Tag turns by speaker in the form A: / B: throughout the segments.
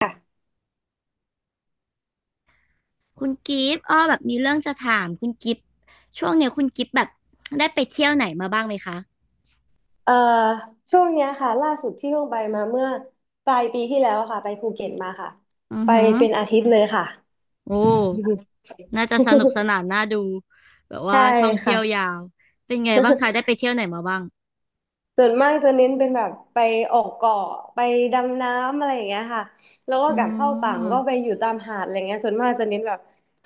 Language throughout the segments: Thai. A: ค่ะ
B: คุณกิฟต์อ้อแบบมีเรื่องจะถามคุณกิฟต์ช่วงเนี้ยคุณกิฟต์แบบได้ไปเที่ยวไหนมาบ้างไหมคะ
A: เอ่อช่วงเนี้ยค่ะล่าสุดที่เพิ่งไปมาเมื่อปลายปีที่แล้วอะค่ะไปภูเก็ตมาค่ะ
B: อือ
A: ไป
B: หือ
A: เป็นอาทิตย์เลยค่ะ
B: โอ้ น่าจะสนุกสนานน่าดูแบบว่า
A: ใช่
B: ท่องเที่ยว
A: ค่ะ
B: ยาวเป็นไงบ้างคะได้ไปเที่ยวไหนมาบ้าง
A: ส่วนมากจะเน้นเป็นแบบไปออกเกาะไปดำน้ำอะไรอย่างเงี้ยค่ะแล้วก็
B: อื
A: กลับเข้าฝั่งก็ไป
B: ม
A: อยู่ตามหาดอะไรเงี้ยส่วนมากจะเน้นแบบ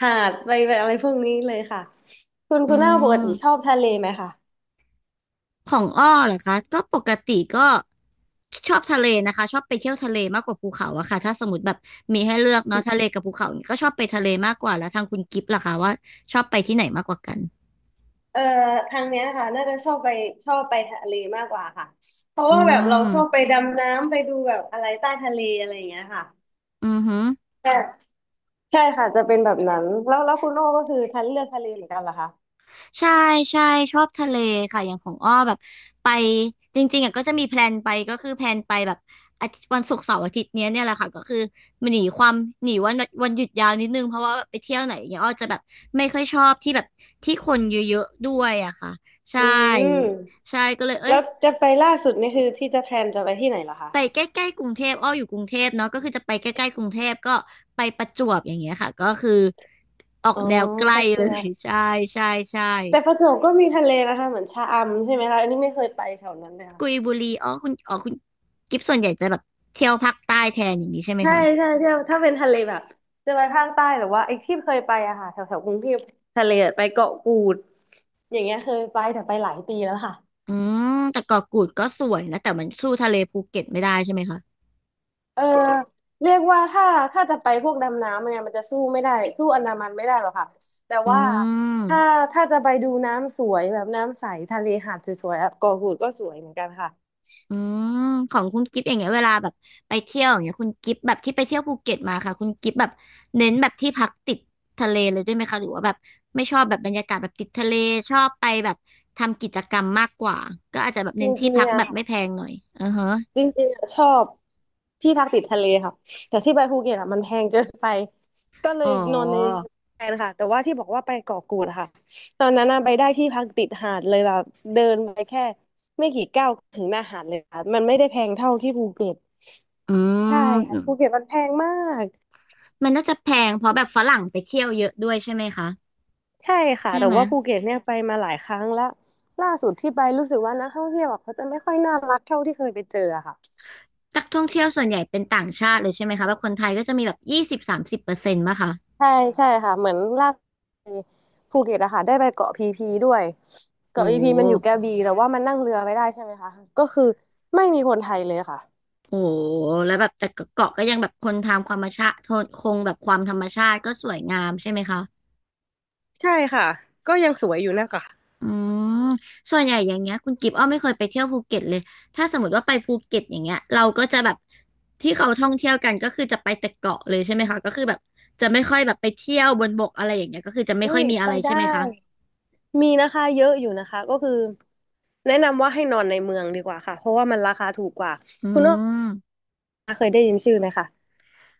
A: หาดไปแบบอะไรพวกนี้เลยค่ะคุณ
B: อื
A: คุณหน้าปกติชอบ
B: ม
A: ทะเลไหมคะ
B: ของอ้อเหรอคะก็ปกติก็ชอบทะเลนะคะชอบไปเที่ยวทะเลมากกว่าภูเขาอะค่ะถ้าสมมติแบบมีให้เลือกเนาะทะเลกับภูเขาเนี่ยก็ชอบไปทะเลมากกว่าแล้วทางคุณกิฟต์ล่ะคะว่าชอบไปที่ไหนมากกว่ากัน
A: เอ่อทางเนี้ยค่ะน่าจะชอบไปชอบไปทะเลมากกว่าค่ะเพราะ
B: อื
A: ว่าแบบเราชอบไป
B: ม
A: ดำน้ำไปดูแบบอะไรใต้ทะเลอะไรอย่างเงี้ยค่ะ
B: อือหึ
A: ใช่ใช่ค่ะจะเป็นแบบนั้นแล้วคุณโอ้ก็คือทันเลือกทะเลเหมือนกันเหรอคะ
B: ใช่ใช่ชอบทะเลค่ะอย่างของอ้อแบบไปจริงๆอ่ะก็จะมีแพลนไปก็คือแพลนไปแบบอาทิตย์วันศุกร์เสาร์อาทิตย์เนี่ยแหละค่ะก็คือหนีความหนีวันวันหยุดยาวนิดนึงเพราะว่าไปเที่ยวไหนอย่างเงี้ยอ้อจะแบบไม่ค่อยชอบที่แบบที่คนเยอะๆด้วยอะค่ะใช
A: อืม
B: ่ก็เลยเอ้
A: แล้
B: ย
A: วจะไปล่าสุดนี่คือที่จะแพลนจะไปที่ไหนเหรอคะ
B: ไปใกล้ๆกรุงเทพอ้ออยู่กรุงเทพเนาะก็คือจะไปใกล้ๆกรุงเทพก็ไปประจวบอย่างเงี้ยค่ะก็คือออก
A: อ๋อ
B: แนวใก
A: ป
B: ล้
A: ระจ
B: เล
A: ว
B: ย
A: บ
B: ใช่ใช่ใช่
A: แต่ประจวบก็มีทะเลนะคะเหมือนชะอำใช่ไหมคะอันนี้ไม่เคยไปแถวนั้นเลยค่ะ
B: กุยบุรีอ๋อคุณกิฟส่วนใหญ่จะแบบเที่ยวภาคใต้แทนอย่างนี้ใช่ไหม
A: ใช่
B: คะ
A: ใช่เที่ยวถ้าเป็นทะเลแบบจะไปภาคใต้หรือว่าไอ้ที่เคยไปอะค่ะแถวแถวกรุงเทพทะเลอะไปเกาะกูด อย่างเงี้ยเคยไปแต่ไปหลายปีแล้วค่ะ
B: อืมแต่เกาะกูดก็สวยนะแต่มันสู้ทะเลภูเก็ตไม่ได้ใช่ไหมคะ
A: เออเรียกว่าถ้าจะไปพวกดำน้ำเนี่ยมันจะสู้ไม่ได้สู้อันดามันไม่ได้หรอกค่ะแต่
B: อื
A: ว่าถ้า
B: ม
A: จะไปดูน้ำสวยแบบน้ำใสทะเลหาดสวยๆอ่ะเกาะกูดก็สวยเหมือนกันค่ะ
B: อืมของคุณกิฟอย่างเงี้ยเวลาแบบไปเที่ยวอย่างเงี้ยคุณกิฟแบบที่ไปเที่ยวภูเก็ตมาค่ะคุณกิฟแบบเน้นแบบที่พักติดทะเลเลยด้วยไหมคะหรือว่าแบบไม่ชอบแบบบรรยากาศแบบติดทะเลชอบไปแบบทำกิจกรรมมากกว่าก็อาจจะแบบ
A: จร
B: เน้นที่
A: ิง
B: พัก
A: ๆอ่ะ
B: แบบไม่แพงหน่อยอือฮะ
A: จริงๆอะชอบที่พักติดทะเลครับแต่ที่ไปภูเก็ตอ่ะมันแพงเกินไปก็เล
B: อ๋
A: ยนอนใน
B: อ
A: เมืองแทนค่ะแต่ว่าที่บอกว่าไปเกาะกูดอะค่ะตอนนั้นน่ะไปได้ที่พักติดหาดเลยแบบเดินไปแค่ไม่กี่ก้าวถึงหน้าหาดเลยค่ะมันไม่ได้แพงเท่าที่ภูเก็ต
B: อื
A: ใช่ค่ะภู
B: ม
A: เก็ตมันแพงมาก
B: มันน่าจะแพงเพราะแบบฝรั่งไปเที่ยวเยอะด้วยใช่ไหมคะ
A: ใช่ค่ะ
B: ใช่
A: แต่
B: ไหม
A: ว่าภูเก็ตเนี่ยไปมาหลายครั้งแล้วล่าสุดที่ไปรู้สึกว่านักท่องเที่ยวอะเขาจะไม่ค่อยน่ารักเท่าที่เคยไปเจออะค่ะ
B: นักท่องเที่ยวส่วนใหญ่เป็นต่างชาติเลยใช่ไหมคะแบบคนไทยก็จะมีแบบ20-30%ป่ะคะ
A: ใช่ใช่ค่ะเหมือนล่าสุดภูเก็ตอะค่ะได้ไปเกาะพีพีด้วย
B: โอ
A: เกาะพีพีมันอยู่ก
B: ้
A: ระบี่แต่ว่ามันนั่งเรือไม่ได้ใช่ไหมคะก็คือไม่มีคนไทยเลยค่ะ
B: โหแล้วแบบแต่เกาะก็ยังแบบคนทำความธรรมชาติคงแบบความธรรมชาติก็สวยงามใช่ไหมคะ
A: ใช่ค่ะก็ยังสวยอยู่นะคะ
B: อืมส่วนใหญ่อย่างเงี้ยคุณกิฟต์อ้อไม่เคยไปเที่ยวภูเก็ตเลยถ้าสมมติว่าไปภูเก็ตอย่างเงี้ยเราก็จะแบบที่เขาท่องเที่ยวกันก็คือจะไปแต่เกาะเลยใช่ไหมคะก็คือแบบจะไม่ค่อยแบบไปเที่ยวบนบกอะไรอย่างเงี้ยก็คือจะไม่
A: อุ้
B: ค่อย
A: ย
B: มี
A: ไป
B: อะไรใช่
A: ได้
B: ไหมคะ
A: มีนะคะเยอะอยู่นะคะก็คือแนะนำว่าให้นอนในเมืองดีกว่าค่ะเพราะว่ามันราคาถูกกว่า
B: อื
A: คุณอ้อ
B: ม
A: เคยได้ยินชื่อไหมคะ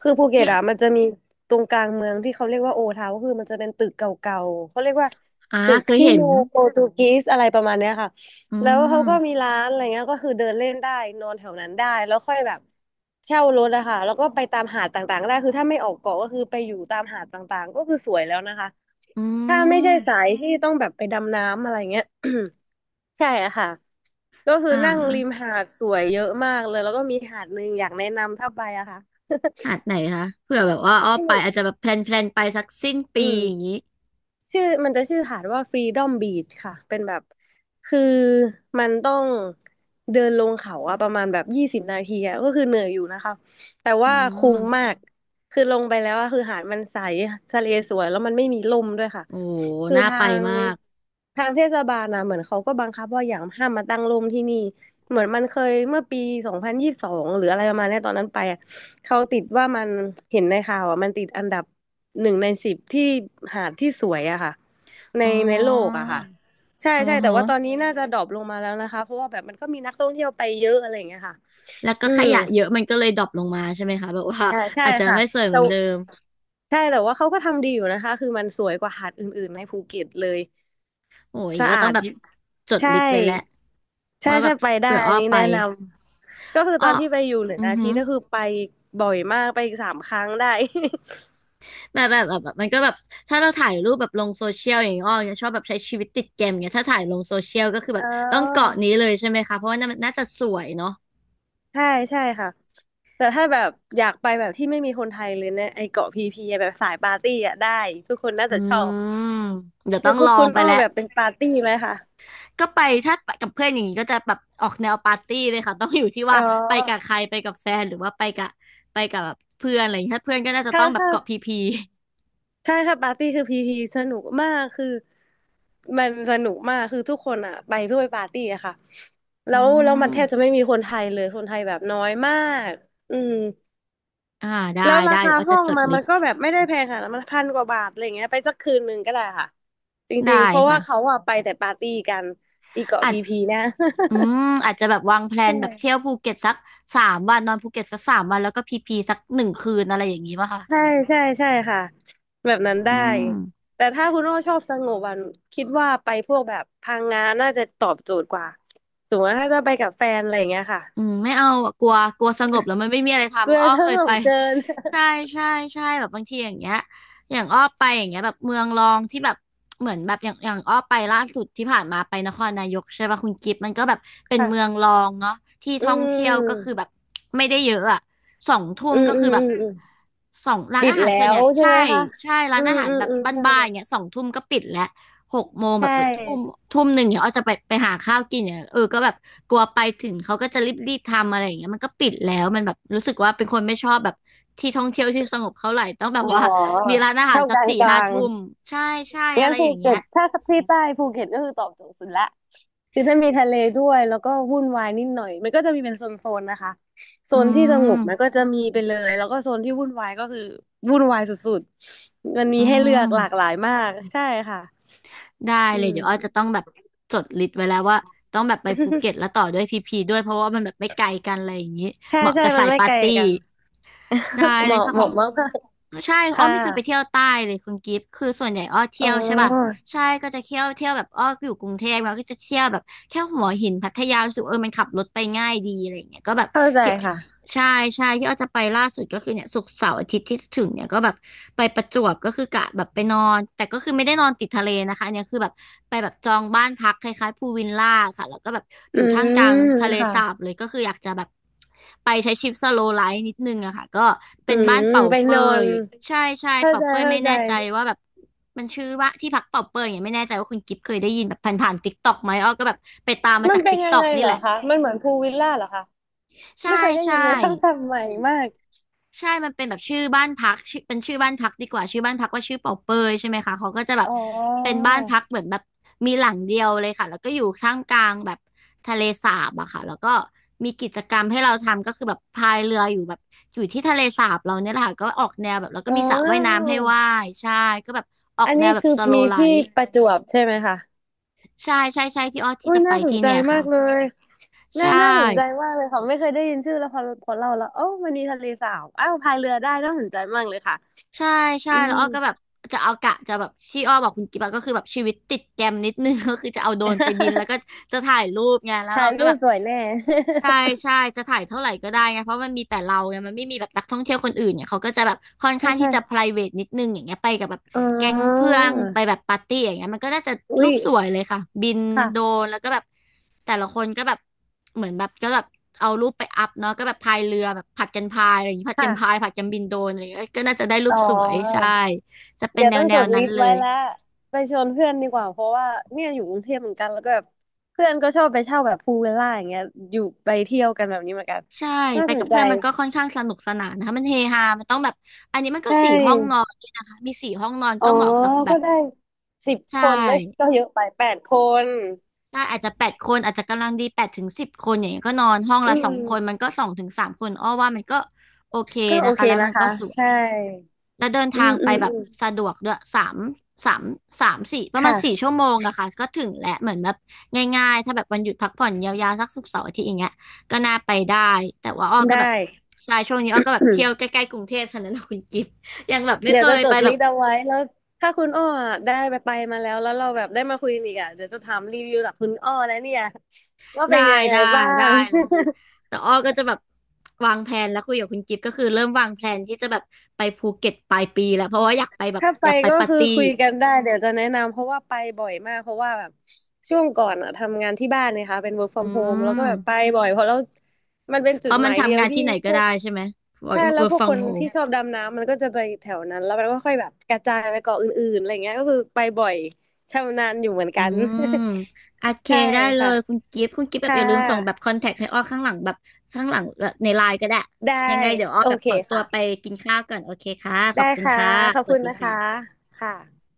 A: คือภูเก็
B: อ
A: ต
B: ย่าง
A: อะมันจะมีตรงกลางเมืองที่เขาเรียกว่าโอทาวก็คือมันจะเป็นตึกเก่าๆเขาเรียกว่า
B: อ่า
A: ตึก
B: เคย
A: ชิ
B: เห็
A: โน
B: น
A: โปรตุกีสอะไรประมาณเนี้ยค่ะ
B: อื
A: แล้วเขา
B: ม
A: ก็มีร้านอะไรเงี้ยก็คือเดินเล่นได้นอนแถวนั้นได้แล้วค่อยแบบเช่ารถอะค่ะแล้วก็ไปตามหาดต่างๆได้คือถ้าไม่ออกเกาะก็คือไปอยู่ตามหาดต่างๆก็คือสวยแล้วนะคะ
B: อื
A: ถ้าไม่ใช่สา
B: ม
A: ยที่ต้องแบบไปดำน้ำอะไรเงี้ย ใช่อะค่ะก็คือ
B: อ่า
A: นั่งริมหาดสวยเยอะมากเลยแล้วก็มีหาดหนึ่งอยากแนะนำถ้าไปอะค่ะ
B: หาดไหนคะเผื่อแบบว่าอ้อไปอาจจะแบ บแพลนไปสักสิ้น
A: อื
B: ปีอย่าง
A: ม
B: นี้
A: ชื่อมันจะชื่อหาดว่า Freedom Beach ค่ะเป็นแบบคือมันต้องเดินลงเขาอะประมาณแบบ20 นาทีอะก็คือเหนื่อยอยู่นะคะแต่
B: อื
A: ว่าคุ้
B: ม
A: มมากคือลงไปแล้วอะคือหาดมันใสทะเลสวยแล้วมันไม่มีลมด้วยค่ะ
B: โอ้
A: คือ
B: น่า
A: ทา
B: ไป
A: ง
B: มาก
A: ทางเทศบาลนะเหมือนเขาก็บังคับว่าอย่างห้ามมาตั้งร่มที่นี่ เหมือนมันเคยเมื่อปี2022หรืออะไรประมาณเนี้ยตอนนั้นไปอะเขาติดว่ามันเห็นในข่าวอ่ะมันติดอันดับหนึ่งในสิบที่หาดที่สวยอะค่ะใน
B: อ๋อ
A: โลกอะค่ะใช่
B: อ๋อ
A: ใช่แต่
B: ฮะ
A: ว่าตอนนี้น่าจะดรอปลงมาแล้วนะคะเพราะว่าแบบมันก็มีนักท่องเที่ยวไปเยอะอะไรอย่างเงี้ยค่ะ
B: แล้วก็
A: อื
B: ข
A: ม
B: ยะเยอะมันก็เลยดรอปลงมาใช่ไหมคะแบบว่า
A: ใช่ใช่
B: อาจจะ
A: ค่ะ
B: ไม่สวยเห
A: แต่
B: มือนเดิม
A: ใช่แต่ว่าเขาก็ทำดีอยู่นะคะคือมันสวยกว่าหาดอื่นๆในภูเก็ตเลย
B: โอ้ยอย่าง
A: สะ
B: นี้อ้อต้
A: อา
B: อง
A: ด
B: แบ
A: อ
B: บ
A: ยู่
B: จด
A: ใช่
B: ลิสต์ไว้แล้ว
A: ใช่
B: ว่าแบ
A: ใช่
B: บ
A: ไปได้
B: เผื่อ
A: อั
B: อ้
A: น
B: อ
A: นี้
B: ไป
A: แนะนำ ก็คือตอ
B: อ้อ
A: นที่ไปอยู่หนึ่ง
B: อือ
A: อา
B: ห
A: ทิตย์ก็คือไปบ่อยมากไปสามครั้งได้
B: แบบมันก็แบบถ้าเราถ่ายรูปแบบลงโซเชียลอย่างเงี้ยอ้อจะชอบแบบใช้ชีวิตติดเกมอย่างเงี้ยถ้าถ่ายลงโซเชียลก็คือ แบ
A: อ๋
B: บต้อง
A: อ
B: เกาะนี้เลยใช่ไหมคะเพราะว่าน่าจะสวยเนาะ
A: ใช่ใช่ค่ะแต่ถ้าแบบอยากไปแบบที่ไม่มีคนไทยเลยเนี่ยไอเกาะพีพีอะแบบสายปาร์ตี้อะได้ทุกคนน่า
B: อื
A: จะชอบ
B: มเดี๋ยว
A: คื
B: ต้อ
A: อ
B: ง
A: พว
B: ล
A: ก
B: อ
A: คุ
B: ง
A: ณ
B: ไป
A: อ้อ
B: แล้ว
A: แบบเป็นปาร์ตี้ไหมคะ
B: ก็ไปถ้าไปกับเพื่อนอย่างงี้ก็จะแบบออกแนวปาร์ตี้เลยค่ะต้องอยู่ที่
A: อ๋
B: ว่า
A: อ
B: ไปกับใครไปกับแฟนหรือว่าไปกับไปกับแบบเพื่อนอะไรอย่างเงี้ยถ้าเพื่อนก็น่าจะต้
A: ถ้า
B: องแบบ
A: ถ้า
B: เกาะพีพี
A: ใช่ถ้าปาร์ตี้คือพีพีสนุกมากคือมันสนุกมากคือทุกคนอ่ะไปเพื่อไปปาร์ตี้อะค่ะ
B: อื
A: แล้วมันแทบจะ
B: ม
A: ไม่มีคนไทยเลยคนไทยแบบน้อยมากอืม
B: อ่าได้
A: แล้วรา
B: ได้
A: คา
B: เดี๋ยวอ้อ
A: ห้
B: จะ
A: อง
B: จด
A: มัน
B: ลิ
A: มั
B: ส
A: น
B: ต์
A: ก็แบบไม่ได้แพงค่ะมันพันกว่าบาทอะไรเงี้ยไปสักคืนหนึ่งก็ได้ค่ะจ
B: ได้
A: ริงๆเพราะว่าเขา
B: ค่ะ
A: อะไปแต่ปาร์ตี้กันอีเกาะ
B: อาจ
A: พีพีนะ
B: อืมอาจจะแบบวางแพล
A: ใช
B: นแบบเที่ยว
A: ่
B: ภูเก็ตสักสามวันนอนภูเก็ตสักสามวันแล้วก็พีพีสัก1 คืนอะไรอย่างนี้ป่ะคะ
A: ใช่ใช่ใช่ค่ะแบบนั้น
B: อื
A: ได้
B: ม
A: แต่ถ้าคุณโอ้ชอบสงบวันคิดว่าไปพวกแบบพังงาน่าจะตอบโจทย์กว่าสมมติว่าถ้าจะไปกับแฟนอะไรเงี้ยค่ะ
B: อืมไม่เอาอะกลัวกลัวสงบแล้วมันไม่มีอะไร
A: กลั
B: ทำ
A: ว
B: อ้อ
A: ส
B: เคย
A: ง
B: ไป
A: บเกิน
B: ใช่ใช่ใช่แบบบางทีอย่างเงี้ยอย่างอ้อไปอย่างเงี้ยแบบเมืองรองที่แบบเหมือนแบบอย่างอ้อไปล่าสุดที่ผ่านมาไปนครนายกใช่ป่ะคุณกิฟต์มันก็แบบ เป็นเมือ
A: ค่ะ
B: งรองเนาะที่
A: อื
B: ท่องเที่ยวก็คือ
A: ม
B: แบบไม่ได้เยอะอะสองทุ่ม
A: อืม
B: ก็
A: อื
B: คื
A: ม
B: อ
A: อื
B: แบบ
A: มอืม
B: สองร้าน
A: ปิด
B: อาหารส่
A: แล้
B: วนให
A: ว
B: ญ่
A: ใช่ไหม
B: ใช่
A: คะ
B: ใช่ร้า
A: อื
B: นอา
A: ม
B: หาร
A: อืม
B: แบบ
A: อืมใช่
B: บ้านๆอย่างเงี้ยสองทุ่มก็ปิดแล้ว หกโมงแบ
A: ใช่
B: บทุ่มทุ่มหนึ่งเนี่ยอ้อจะไปหาข้าวกินเนี่ยเออก็แบบกลัวไปถึงเขาก็จะรีบทำอะไรอย่างเงี้ยมันก็ปิดแล้วมันแบบรู้สึกว่าเป็นคนไม่ชอบแบบที่ท่องเที่ยวที่สงบเท่าไหร่ต้องแบบ
A: อ๋อ
B: ว่ามีร้านอาหาร
A: เช่า
B: สั
A: ก
B: ก
A: ลาง
B: สี่
A: ก
B: ห้า
A: ลาง
B: ทุ่มใช่ใช่อะ
A: งั้
B: ไร
A: นภู
B: อย่าง
A: เก็
B: เงี้ย
A: ตถ้าที่ใต้ภูเก็ตก็คือตอบโจทย์สุดละคือถ้ามีทะเลด้วยแล้วก็วุ่นวายนิดหน่อยมันก็จะมีเป็นโซนๆนะคะโซ
B: อื
A: นที่สงบมันก็
B: ม
A: จะมีไปเลยแล้วก็โซนที่วุ่นวายก็คือวุ่นวายสุดๆมันมี
B: อื
A: ให้เลือกหลาก
B: ม
A: หลายมากใช่ค่ะ
B: ได้
A: อื
B: เลย
A: ม
B: เดี๋ยวอ้อจะต้องแบบจดลิสต์ไว้แล้วว่าต้องแบบไปภูเก็ตแล้ว ต่อด้วยพีพีด้วยเพราะว่ามันแบบไม่ไกลกันอะไรอย่างงี้
A: ใช่
B: เหมาะ
A: ใช่
B: กับ
A: มั
B: สา
A: น
B: ย
A: ไม่
B: ปา
A: ไก
B: ร์
A: ล
B: ตี้
A: กัน
B: ได้
A: เห
B: เลย
A: มาะ
B: ค่ะ
A: เห
B: ขอ
A: มาะ
B: ง
A: มาก
B: ใช่
A: ๆ
B: อ้อ
A: ค่ะ
B: ไม่เคยไปเที่ยวใต้เลยคุณกิฟต์คือส่วนใหญ่อ้อเที่
A: อ๋
B: ยวใช่ป่ะ
A: อ
B: ใช่ก็จะเที่ยวแบบอ้ออยู่กรุงเทพแล้วก็จะเที่ยวแบบแค่หัวหินพัทยารู้สึกเออมันขับรถไปง่ายดีอะไรอย่างเงี้ยก็แบบ
A: เข้าใจ
B: เที่ยว
A: ค่ะ
B: ใช่ใช่ที่อ้อจะไปล่าสุดก็คือเนี่ยศุกร์เสาร์อาทิตย์ที่จะถึงเนี่ยก็แบบไปประจวบก็คือกะแบบไปนอนแต่ก็คือไม่ได้นอนติดทะเลนะคะอันเนี่ยคือแบบไปแบบจองบ้านพักคล้ายๆพูลวิลล่าค่ะแล้วก็แบบอ
A: อื
B: ยู่ท่ามกลาง
A: ม
B: ทะเล
A: ค่ะ
B: สาบเลยก็คืออยากจะแบบไปใช้ชีวิตสโลว์ไลฟ์นิดนึงอะค่ะก็
A: อื
B: เป็นบ้าน
A: ม
B: เป่า
A: ไป
B: เป
A: นอน
B: ยใช่ใช่
A: เข้า
B: เป่า
A: ใจ
B: เปย
A: เข้า
B: ไม่
A: ใจ
B: แน่ใจว่าแบบมันชื่อว่าที่พักเป่าเปยอย่างเงี้ยไม่แน่ใจว่าคุณกิฟเคยได้ยินแบบผ่านๆติ k กต็อกไหมอ้อก็แบบไปตามมา
A: มัน
B: จาก
A: เป็น
B: ติ๊ก
A: ยั
B: ต็
A: ง
B: อก
A: ไงเห
B: นี่
A: รอ
B: แหละ
A: คะ มันเหมือนพูลวิลล่าเหรอคะ
B: ใช่
A: ไม่เคยได้ยิ
B: ใช่
A: นเลยคำศัพท์ใหม่มาก
B: ใช่มันเป็นแบบชื่อบ้านพักชื่อเป็นชื่อบ้านพักดีกว่าชื่อบ้านพักว่าชื่อเป่าเปยใช่ไหมคะเขาก็จะแบ
A: อ๋
B: บ
A: อ
B: เป็นบ้านพักเหมือนแบบมีหลังเดียวเลยค่ะแล้วก็อยู่ท่ามกลางแบบทะเลสาบอะค่ะแล้วก็มีกิจกรรมให้เราทำก็คือแบบพายเรืออยู่แบบอยู่ที่ทะเลสาบเราเนี่ยแหละค่ะก็ออกแนวแบบแล้วก็
A: อ๋
B: มีสระว่าย
A: อ
B: น้ำให้ว่ายใช่ก็แบบออก
A: อัน
B: แน
A: นี้
B: วแบบ
A: คือ
B: สโล
A: มี
B: ไล
A: ที่
B: ฟ์
A: ประจวบใช่ไหมคะ
B: ใช่ใช่ใช่ที่อ้อที่
A: อุ้ย
B: จะไป
A: น่าสน
B: ที่
A: ใจ
B: เนี่ย
A: มา
B: ค่ะ
A: กเลยน่า
B: ใช่
A: น่าสนใจมากเลยค่ะไม่เคยได้ยินชื่อแล้วพอพอเราแล้วโอ้ามันมีทะเลสาบอ้าวพายเรือได้น่าสนใจมากเลยค่ะ
B: ใช่ใช่
A: อื
B: แล้ว
A: ม
B: อ้อก็แบบจะเอากะจะแบบที่อ้อบอกคุณกิ๊บอะก็คือแบบชีวิตติดแกรมนิดนึง ก็คือจะเอาโดรนไปบินแล้วก็ จะถ่ายรูปไงแล้ว
A: ถ่า
B: เรา
A: ย
B: ก็
A: รู
B: แบ
A: ป
B: บ
A: สวยแน่
B: ใช่ใช่จะถ่ายเท่าไหร่ก็ได้ไงเพราะมันมีแต่เราไงมันไม่มีแบบนักท่องเที่ยวคนอื่นเนี่ยเขาก็จะแบบค่อน
A: ใช่
B: ข้างที่
A: ใช่
B: จะ private นิดนึงอย่างเงี้ยไปกับแบบ
A: อ๋
B: แก๊ง
A: อ
B: เพื่อนไปแบบปาร์ตี้อย่างเงี้ยมันก็น่าจะ
A: อุ้
B: รู
A: ย
B: ปสวยเลยค่ะบินโดร
A: ค่ะ
B: นแล้วก็แบบแต่ละคนก็แบบ เหมือนแบบก็แบบเอารูปไปอัพเนาะก็แบบพายเรือแบบผัดกันพายอะไรอย่างงี้ผัดกันพาย
A: ค่ะ
B: ผัดกันบินโดรนอะไรอย่างเงี้ยก็น่าจะได้รู
A: อ๋
B: ป
A: อ
B: สวยใช่จะเป็น
A: เดี๋ยว
B: แน
A: ต้
B: ว
A: อง
B: แน
A: จ
B: ว
A: ดลิ
B: นั้น
A: สต์
B: เล
A: ไว้
B: ย
A: แล้วไปชวนเพื่อนดีกว่าเพราะว่าเนี่ยอยู่กรุงเทพเหมือนกันแล้วก็แบบเพื่อนก็ชอบไปเช่าแบบพูลวิลล่าอย่างเงี้ยอยู่ไปเที่ยวกันแบบนี้เหมือนกัน
B: ใช่
A: น่า
B: ไป
A: ส
B: กั
A: น
B: บ
A: ใจ
B: เพื่อนมันก็ค่อนข้างสนุกสนานนะคะมันเฮฮามันต้องแบบอันนี้มัน
A: ใช
B: ก็สี่ห้องนอ
A: ่
B: นด้วยนะคะมีสี่ห้องนอน
A: อ๋อ
B: ก็เหมาะกับแบ
A: ก็
B: บ
A: ได้สิบ
B: ใช่
A: คนเลยก็เยอะไปแปดคน
B: ใช่อาจจะแปดคนอาจจะกำลังดีแปดถึงสิบคนอย่างเงี้ยก็นอนห้อง
A: อื
B: ละสอง
A: ม
B: คนมันก็สองถึงสามคนอ้อว่ามันก็โอเค
A: ก็โอ
B: นะคะ
A: เค
B: แล้ว
A: นะ
B: มันก็
A: คะ
B: สวย
A: ใช่
B: แล้วเดิน
A: อื
B: ทาง
A: มอื
B: ไป
A: ม
B: แบบ
A: อืม
B: สะดวกด้วยสามสามสี่ประมาณสี่
A: ค่ะ
B: ชั่วโมงอะค่ะก็ถึงแหละเหมือนแบบง่ายๆถ้าแบบวันหยุดพักผ่อนยาวๆสักศุกร์เสาร์อาทิตย์อย่างเงี้ยก็น่าไปได้แต่ว่าอ้อก็
A: ได้
B: แบบใช่ช่วงนี้อ้อก็แบบเที่ยว ใกล้ๆกรุงเทพเท่านั้นนะคุณกิฟต์ ยังแบบไม่
A: เดี๋ย
B: เค
A: วจะ
B: ย
A: จ
B: ไป
A: ด
B: แบ
A: ลิ
B: บ
A: สต์เอาไว้แล้วถ้าคุณอ้ออะได้ไปไปมาแล้วแล้วเราแบบได้มาคุยกันอีกอ่ะเดี๋ยวจะถามรีวิวจากคุณอ้อแล้วเนี่ยว่า
B: ได้
A: เป็นยังไง
B: ได้
A: บ้า
B: ได้
A: ง
B: เลยแต่อ้อก็จะแบบวางแผนแล้วคุยกับคุณกิฟต์ก็คือเริ่มวางแผนที่จะแบบไปภูเก็ตปลายปีแล้วเพราะว่าอยากไปแบ บ
A: ถ้าไป
B: อยากไป
A: ก็
B: ปาร์
A: คือ
B: ตี้
A: คุยกันได้เดี๋ยวจะแนะนำเพราะว่าไปบ่อยมากเพราะว่าแบบช่วงก่อนอ่ะทำงานที่บ้านนะคะเป็น work
B: อื
A: from home แล้วก็แบบไป
B: ม
A: บ่อยเพราะแล้วมันเป็น
B: เพ
A: จุด
B: ราะ
A: ห
B: มัน
A: มายเดีย
B: ทำ
A: ว
B: งาน
A: ที่
B: ที่ไหน
A: พ
B: ก็
A: ว
B: ได้
A: ก
B: ใช่ไหม work
A: ใช่แล้ว
B: work
A: พวกค
B: from
A: นที่
B: home
A: ชอบดำน้ำมันก็จะไปแถวนั้นแล้วมันก็ค่อยแบบกระจายไปเกาะอื่นๆอะไรเงี้ยก็คือไปบ่อยชำนาญอยู่เหมือน
B: อื
A: กัน
B: มโอเค
A: ใช่
B: ได้เล
A: ค่ะ
B: ยคุณกิฟต์คุณกิฟต์แบบ
A: ค่
B: อย่าลืมส่งแบบ
A: ะ
B: คอนแทคให้อ้อข้างหลังแบบข้างหลังแบบในไลน์ก็ได้
A: ได้
B: ยังไงเดี๋ยวอ้อ
A: โอ
B: แบบ
A: เค
B: ขอตัวไป
A: ค่ะ
B: กินข้าวก่อนโอเคค่ะข
A: ได้
B: อบคุณ
A: ค่ะ
B: ค่ะ
A: ขอบ
B: ส
A: คุ
B: วัส
A: ณ
B: ดี
A: นะคะ
B: ค่ะ
A: ค่ะ